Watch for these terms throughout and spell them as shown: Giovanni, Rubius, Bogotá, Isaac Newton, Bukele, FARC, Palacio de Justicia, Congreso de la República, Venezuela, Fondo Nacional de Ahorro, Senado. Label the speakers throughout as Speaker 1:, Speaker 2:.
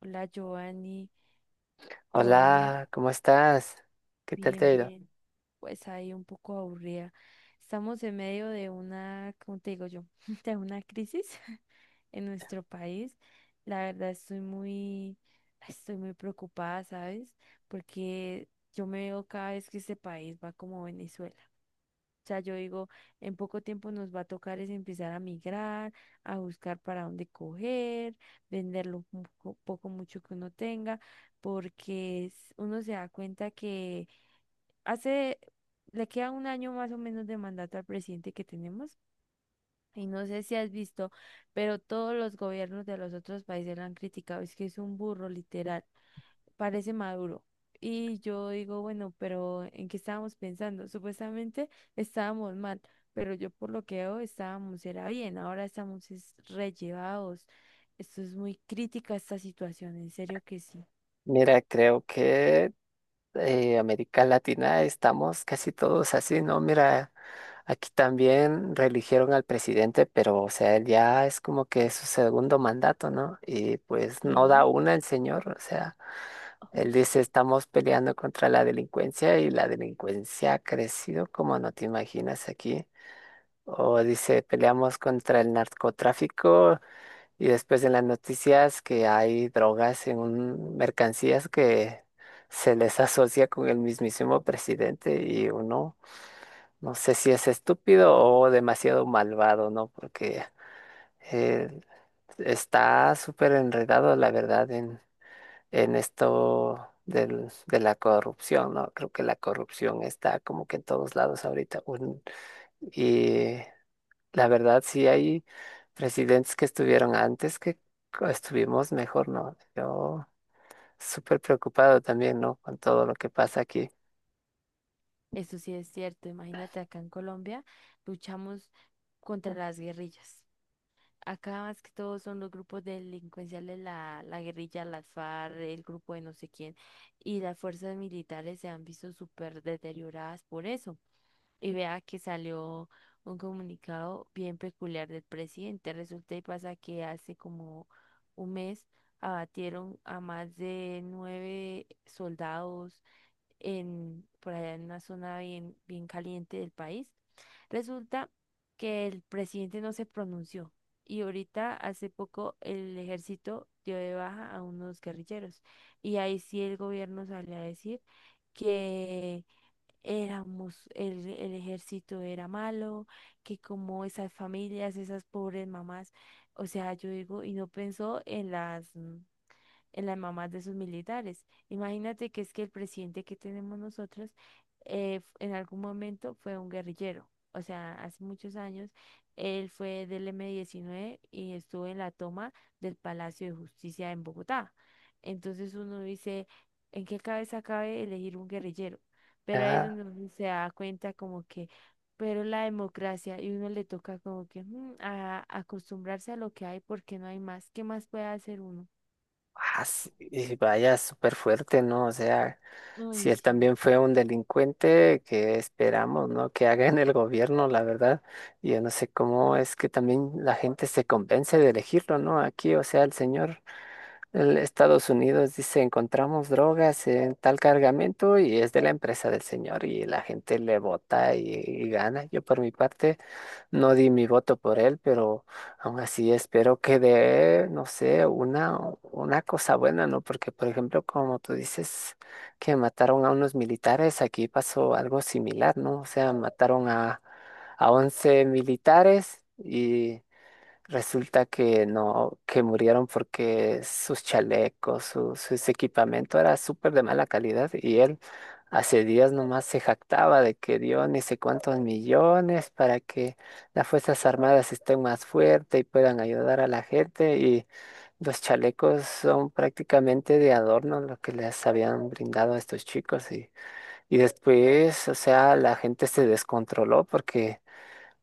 Speaker 1: Hola, Giovanni. Giovanni,
Speaker 2: Hola, ¿cómo estás? ¿Qué tal te
Speaker 1: bien,
Speaker 2: ha ido?
Speaker 1: bien. Pues ahí un poco aburrida. Estamos en medio de una, ¿cómo te digo yo? De una crisis en nuestro país. La verdad estoy muy preocupada, ¿sabes? Porque yo me veo cada vez que este país va como Venezuela. O sea, yo digo, en poco tiempo nos va a tocar es empezar a migrar, a buscar para dónde coger, vender lo poco, mucho que uno tenga, porque uno se da cuenta que hace, le queda un año más o menos de mandato al presidente que tenemos. Y no sé si has visto, pero todos los gobiernos de los otros países lo han criticado. Es que es un burro, literal, parece Maduro. Y yo digo, bueno, pero ¿en qué estábamos pensando? Supuestamente estábamos mal, pero yo por lo que veo estábamos era bien, ahora estamos es rellevados. Esto es muy crítica esta situación, en serio que sí.
Speaker 2: Mira, creo que América Latina estamos casi todos así, ¿no? Mira, aquí también reeligieron al presidente, pero o sea, él ya es como que su segundo mandato, ¿no? Y pues no da
Speaker 1: Sí.
Speaker 2: una el señor, o sea, él
Speaker 1: Uy.
Speaker 2: dice estamos peleando contra la delincuencia y la delincuencia ha crecido como no te imaginas aquí. O dice peleamos contra el narcotráfico. Y después en las noticias que hay drogas en mercancías que se les asocia con el mismísimo presidente y uno no sé si es estúpido o demasiado malvado, ¿no? Porque eh, está súper enredado, la verdad, en esto de la corrupción, ¿no? Creo que la corrupción está como que en todos lados ahorita. Y la verdad, sí hay presidentes que estuvieron antes que estuvimos mejor, ¿no? Yo súper preocupado también, ¿no? Con todo lo que pasa aquí.
Speaker 1: Eso sí es cierto, imagínate, acá en Colombia luchamos contra las guerrillas. Acá más que todo son los grupos delincuenciales, la guerrilla, las FARC, el grupo de no sé quién, y las fuerzas militares se han visto súper deterioradas por eso. Y vea que salió un comunicado bien peculiar del presidente. Resulta y pasa que hace como un mes abatieron a más de nueve soldados en, por allá en una zona bien, bien caliente del país. Resulta que el presidente no se pronunció, y ahorita hace poco el ejército dio de baja a unos guerrilleros y ahí sí el gobierno salió a decir que éramos, el ejército era malo, que como esas familias, esas pobres mamás. O sea, yo digo, y no pensó en las en las mamás de sus militares. Imagínate que es que el presidente que tenemos nosotros en algún momento fue un guerrillero. O sea, hace muchos años él fue del M-19 y estuvo en la toma del Palacio de Justicia en Bogotá. Entonces uno dice, ¿en qué cabeza cabe elegir un guerrillero? Pero ahí es
Speaker 2: Ya,
Speaker 1: donde uno se da cuenta como que, pero la democracia y uno le toca como que acostumbrarse a lo que hay porque no hay más. ¿Qué más puede hacer uno?
Speaker 2: ah, sí, y vaya súper fuerte, ¿no? O sea, si
Speaker 1: Uy,
Speaker 2: él
Speaker 1: sí,
Speaker 2: también fue un delincuente, que esperamos, ¿no? Que haga en el gobierno, la verdad. Yo no sé cómo es que también la gente se convence de elegirlo, ¿no? Aquí, o sea, el señor. El Estados Unidos dice, encontramos drogas en tal cargamento y es de la empresa del señor y la gente le vota y gana. Yo por mi parte no di mi voto por él, pero aún así espero que dé, no sé, una cosa buena, ¿no? Porque, por ejemplo, como tú dices que mataron a unos militares, aquí pasó algo similar, ¿no? O sea, mataron a 11 militares. Y resulta que no, que murieron porque sus chalecos, sus equipamiento era súper de mala calidad y él hace días nomás se jactaba de que dio ni sé cuántos millones para que las Fuerzas Armadas estén más fuertes y puedan ayudar a la gente y los chalecos son prácticamente de adorno lo que les habían brindado a estos chicos y después, o sea, la gente se descontroló porque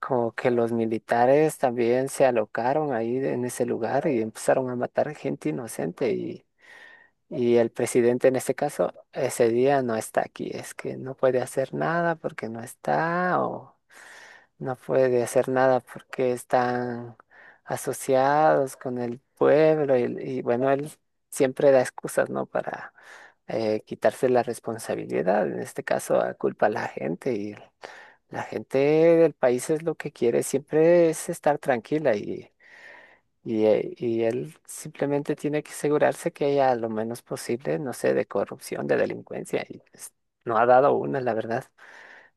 Speaker 2: como que los militares también se alocaron ahí en ese lugar y empezaron a matar gente inocente y el presidente en este caso ese día no está aquí, es que no puede hacer nada porque no está o no puede hacer nada porque están asociados con el pueblo y bueno, él siempre da excusas, ¿no? Para quitarse la responsabilidad, en este caso culpa a la gente. La gente del país es lo que quiere, siempre es estar tranquila y él simplemente tiene que asegurarse que haya lo menos posible, no sé, de corrupción, de delincuencia. Y pues, no ha dado una, la verdad.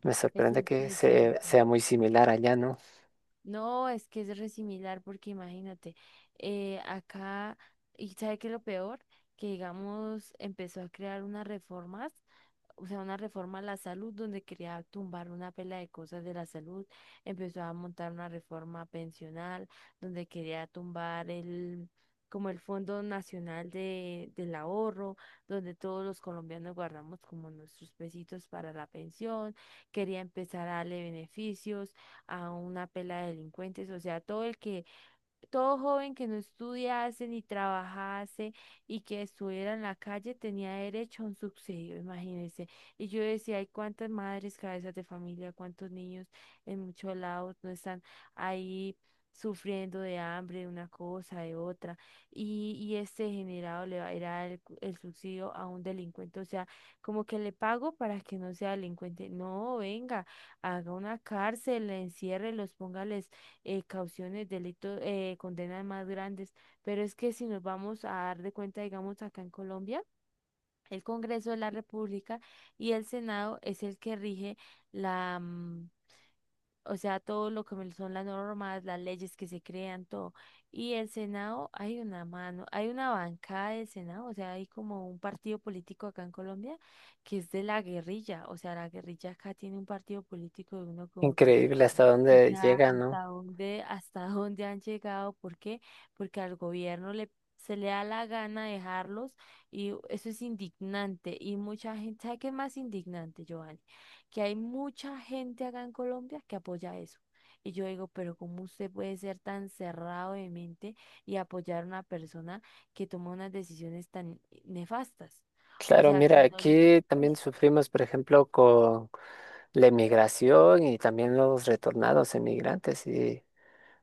Speaker 2: Me
Speaker 1: eso
Speaker 2: sorprende que
Speaker 1: sí es cierto.
Speaker 2: sea muy similar allá, ¿no?
Speaker 1: No, es que es re similar porque imagínate, acá, y ¿sabe qué es lo peor? Que digamos, empezó a crear unas reformas. O sea, una reforma a la salud donde quería tumbar una pela de cosas de la salud, empezó a montar una reforma pensional donde quería tumbar el, como el Fondo Nacional del Ahorro, donde todos los colombianos guardamos como nuestros pesitos para la pensión, quería empezar a darle beneficios a una pela de delincuentes. O sea, todo joven que no estudiase ni trabajase y que estuviera en la calle tenía derecho a un subsidio, imagínense. Y yo decía, hay cuántas madres cabezas de familia, cuántos niños en muchos lados no están ahí sufriendo de hambre, de una cosa, de otra. Y este generado le va a dar el, el subsidio a un delincuente. O sea, como que le pago para que no sea delincuente. No, venga, haga una cárcel, enciérrelos, póngales cauciones, delitos, condenas más grandes. Pero es que si nos vamos a dar de cuenta, digamos, acá en Colombia, el Congreso de la República y el Senado es el que rige la, o sea, todo lo que son las normas, las leyes que se crean, todo. Y el Senado, hay una mano, hay una bancada del Senado, o sea, hay como un partido político acá en Colombia que es de la guerrilla. O sea, la guerrilla acá tiene un partido político de uno como que,
Speaker 2: Increíble hasta
Speaker 1: o
Speaker 2: dónde
Speaker 1: sea,
Speaker 2: llega, ¿no?
Speaker 1: ¿hasta dónde, hasta dónde han llegado? ¿Por qué? Porque al gobierno le, se le da la gana dejarlos, y eso es indignante. Y mucha gente, ¿sabe qué es más indignante, Giovanni? Que hay mucha gente acá en Colombia que apoya eso. Y yo digo, pero ¿cómo usted puede ser tan cerrado de mente y apoyar a una persona que toma unas decisiones tan nefastas? O
Speaker 2: Claro,
Speaker 1: sea,
Speaker 2: mira,
Speaker 1: que no
Speaker 2: aquí también sufrimos, por ejemplo, con la emigración y también los retornados emigrantes y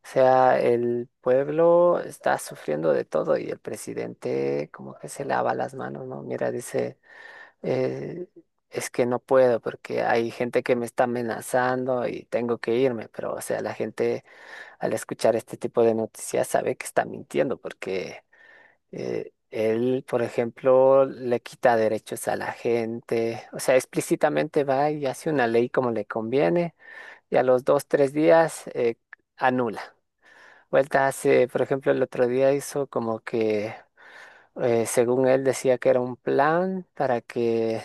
Speaker 2: o sea, el pueblo está sufriendo de todo y el presidente como que se lava las manos, ¿no? Mira, dice, eh, es que no puedo porque hay gente que me está amenazando y tengo que irme, pero o sea, la gente al escuchar este tipo de noticias sabe que está mintiendo porque él, por ejemplo, le quita derechos a la gente, o sea, explícitamente va y hace una ley como le conviene y a los 2, 3 días anula. Vuelta hace, por ejemplo, el otro día hizo como que, según él decía que era un plan para que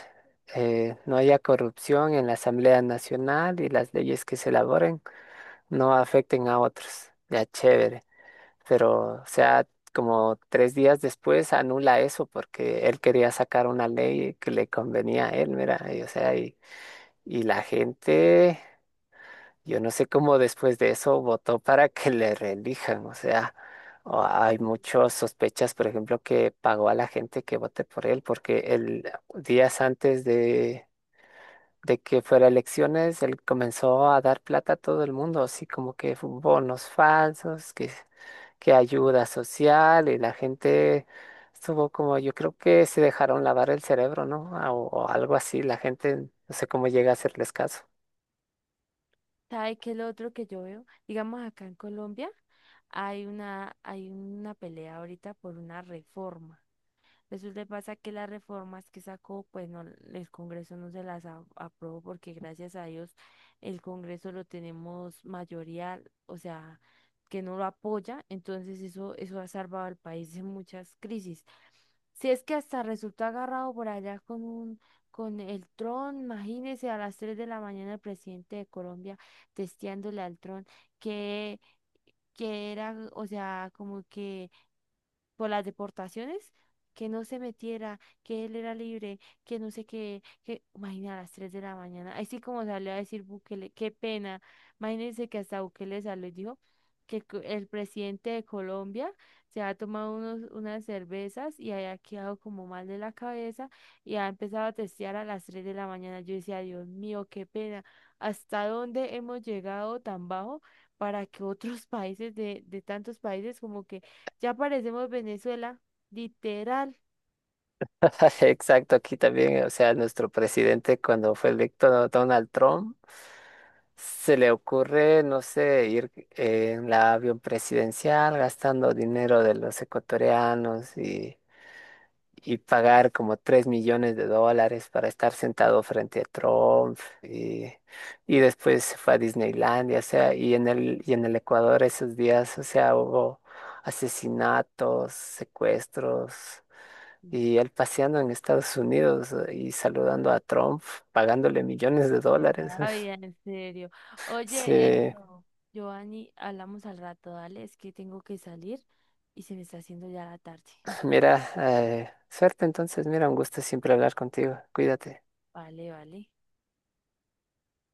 Speaker 2: no haya corrupción en la Asamblea Nacional y las leyes que se elaboren no afecten a otros. Ya chévere. Pero, o sea, como 3 días después anula eso porque él quería sacar una ley que le convenía a él, mira, y, o sea, y la gente. Yo no sé cómo después de eso votó para que le reelijan. O sea, hay muchas sospechas, por ejemplo, que pagó a la gente que vote por él, porque el días antes de que fuera elecciones, él comenzó a dar plata a todo el mundo, así como que bonos falsos, que ayuda social, y la gente estuvo como, yo creo que se dejaron lavar el cerebro, ¿no? O algo así, la gente, no sé cómo llega a hacerles caso.
Speaker 1: sabe. Que el otro que yo veo, digamos acá en Colombia, hay una pelea ahorita por una reforma. Resulta y pasa que las reformas que sacó, pues no, el Congreso no se las aprobó porque gracias a Dios el Congreso lo tenemos mayoría. O sea, que no lo apoya, entonces eso ha salvado al país de muchas crisis. Si es que hasta resultó agarrado por allá con con el tron. Imagínese a las 3 de la mañana el presidente de Colombia testeándole al tron que que era, o sea, como que por las deportaciones, que no se metiera, que él era libre, que no sé qué, que, imagina a las 3 de la mañana, así como salió a decir Bukele, qué pena. Imagínense que hasta Bukele salió y dijo que el presidente de Colombia se ha tomado unos, unas cervezas y haya quedado como mal de la cabeza y ha empezado a testear a las 3 de la mañana. Yo decía, Dios mío, qué pena, ¿hasta dónde hemos llegado tan bajo? Para que otros países de tantos países como que ya parecemos Venezuela, literal.
Speaker 2: Exacto, aquí también, o sea, nuestro presidente cuando fue electo Donald Trump, se le ocurre, no sé, ir en la avión presidencial gastando dinero de los ecuatorianos y pagar como 3 millones de dólares para estar sentado frente a Trump y después se fue a Disneylandia, o sea, y en el Ecuador esos días, o sea, hubo asesinatos, secuestros y él paseando en Estados Unidos y saludando a Trump, pagándole millones de dólares.
Speaker 1: ¿Verdad? Ay, en serio. Oye,
Speaker 2: Sí,
Speaker 1: esto, Giovanni, hablamos al rato, dale, es que tengo que salir y se me está haciendo ya la tarde.
Speaker 2: mira, suerte entonces, mira, un gusto siempre hablar contigo, cuídate.
Speaker 1: Vale, vale.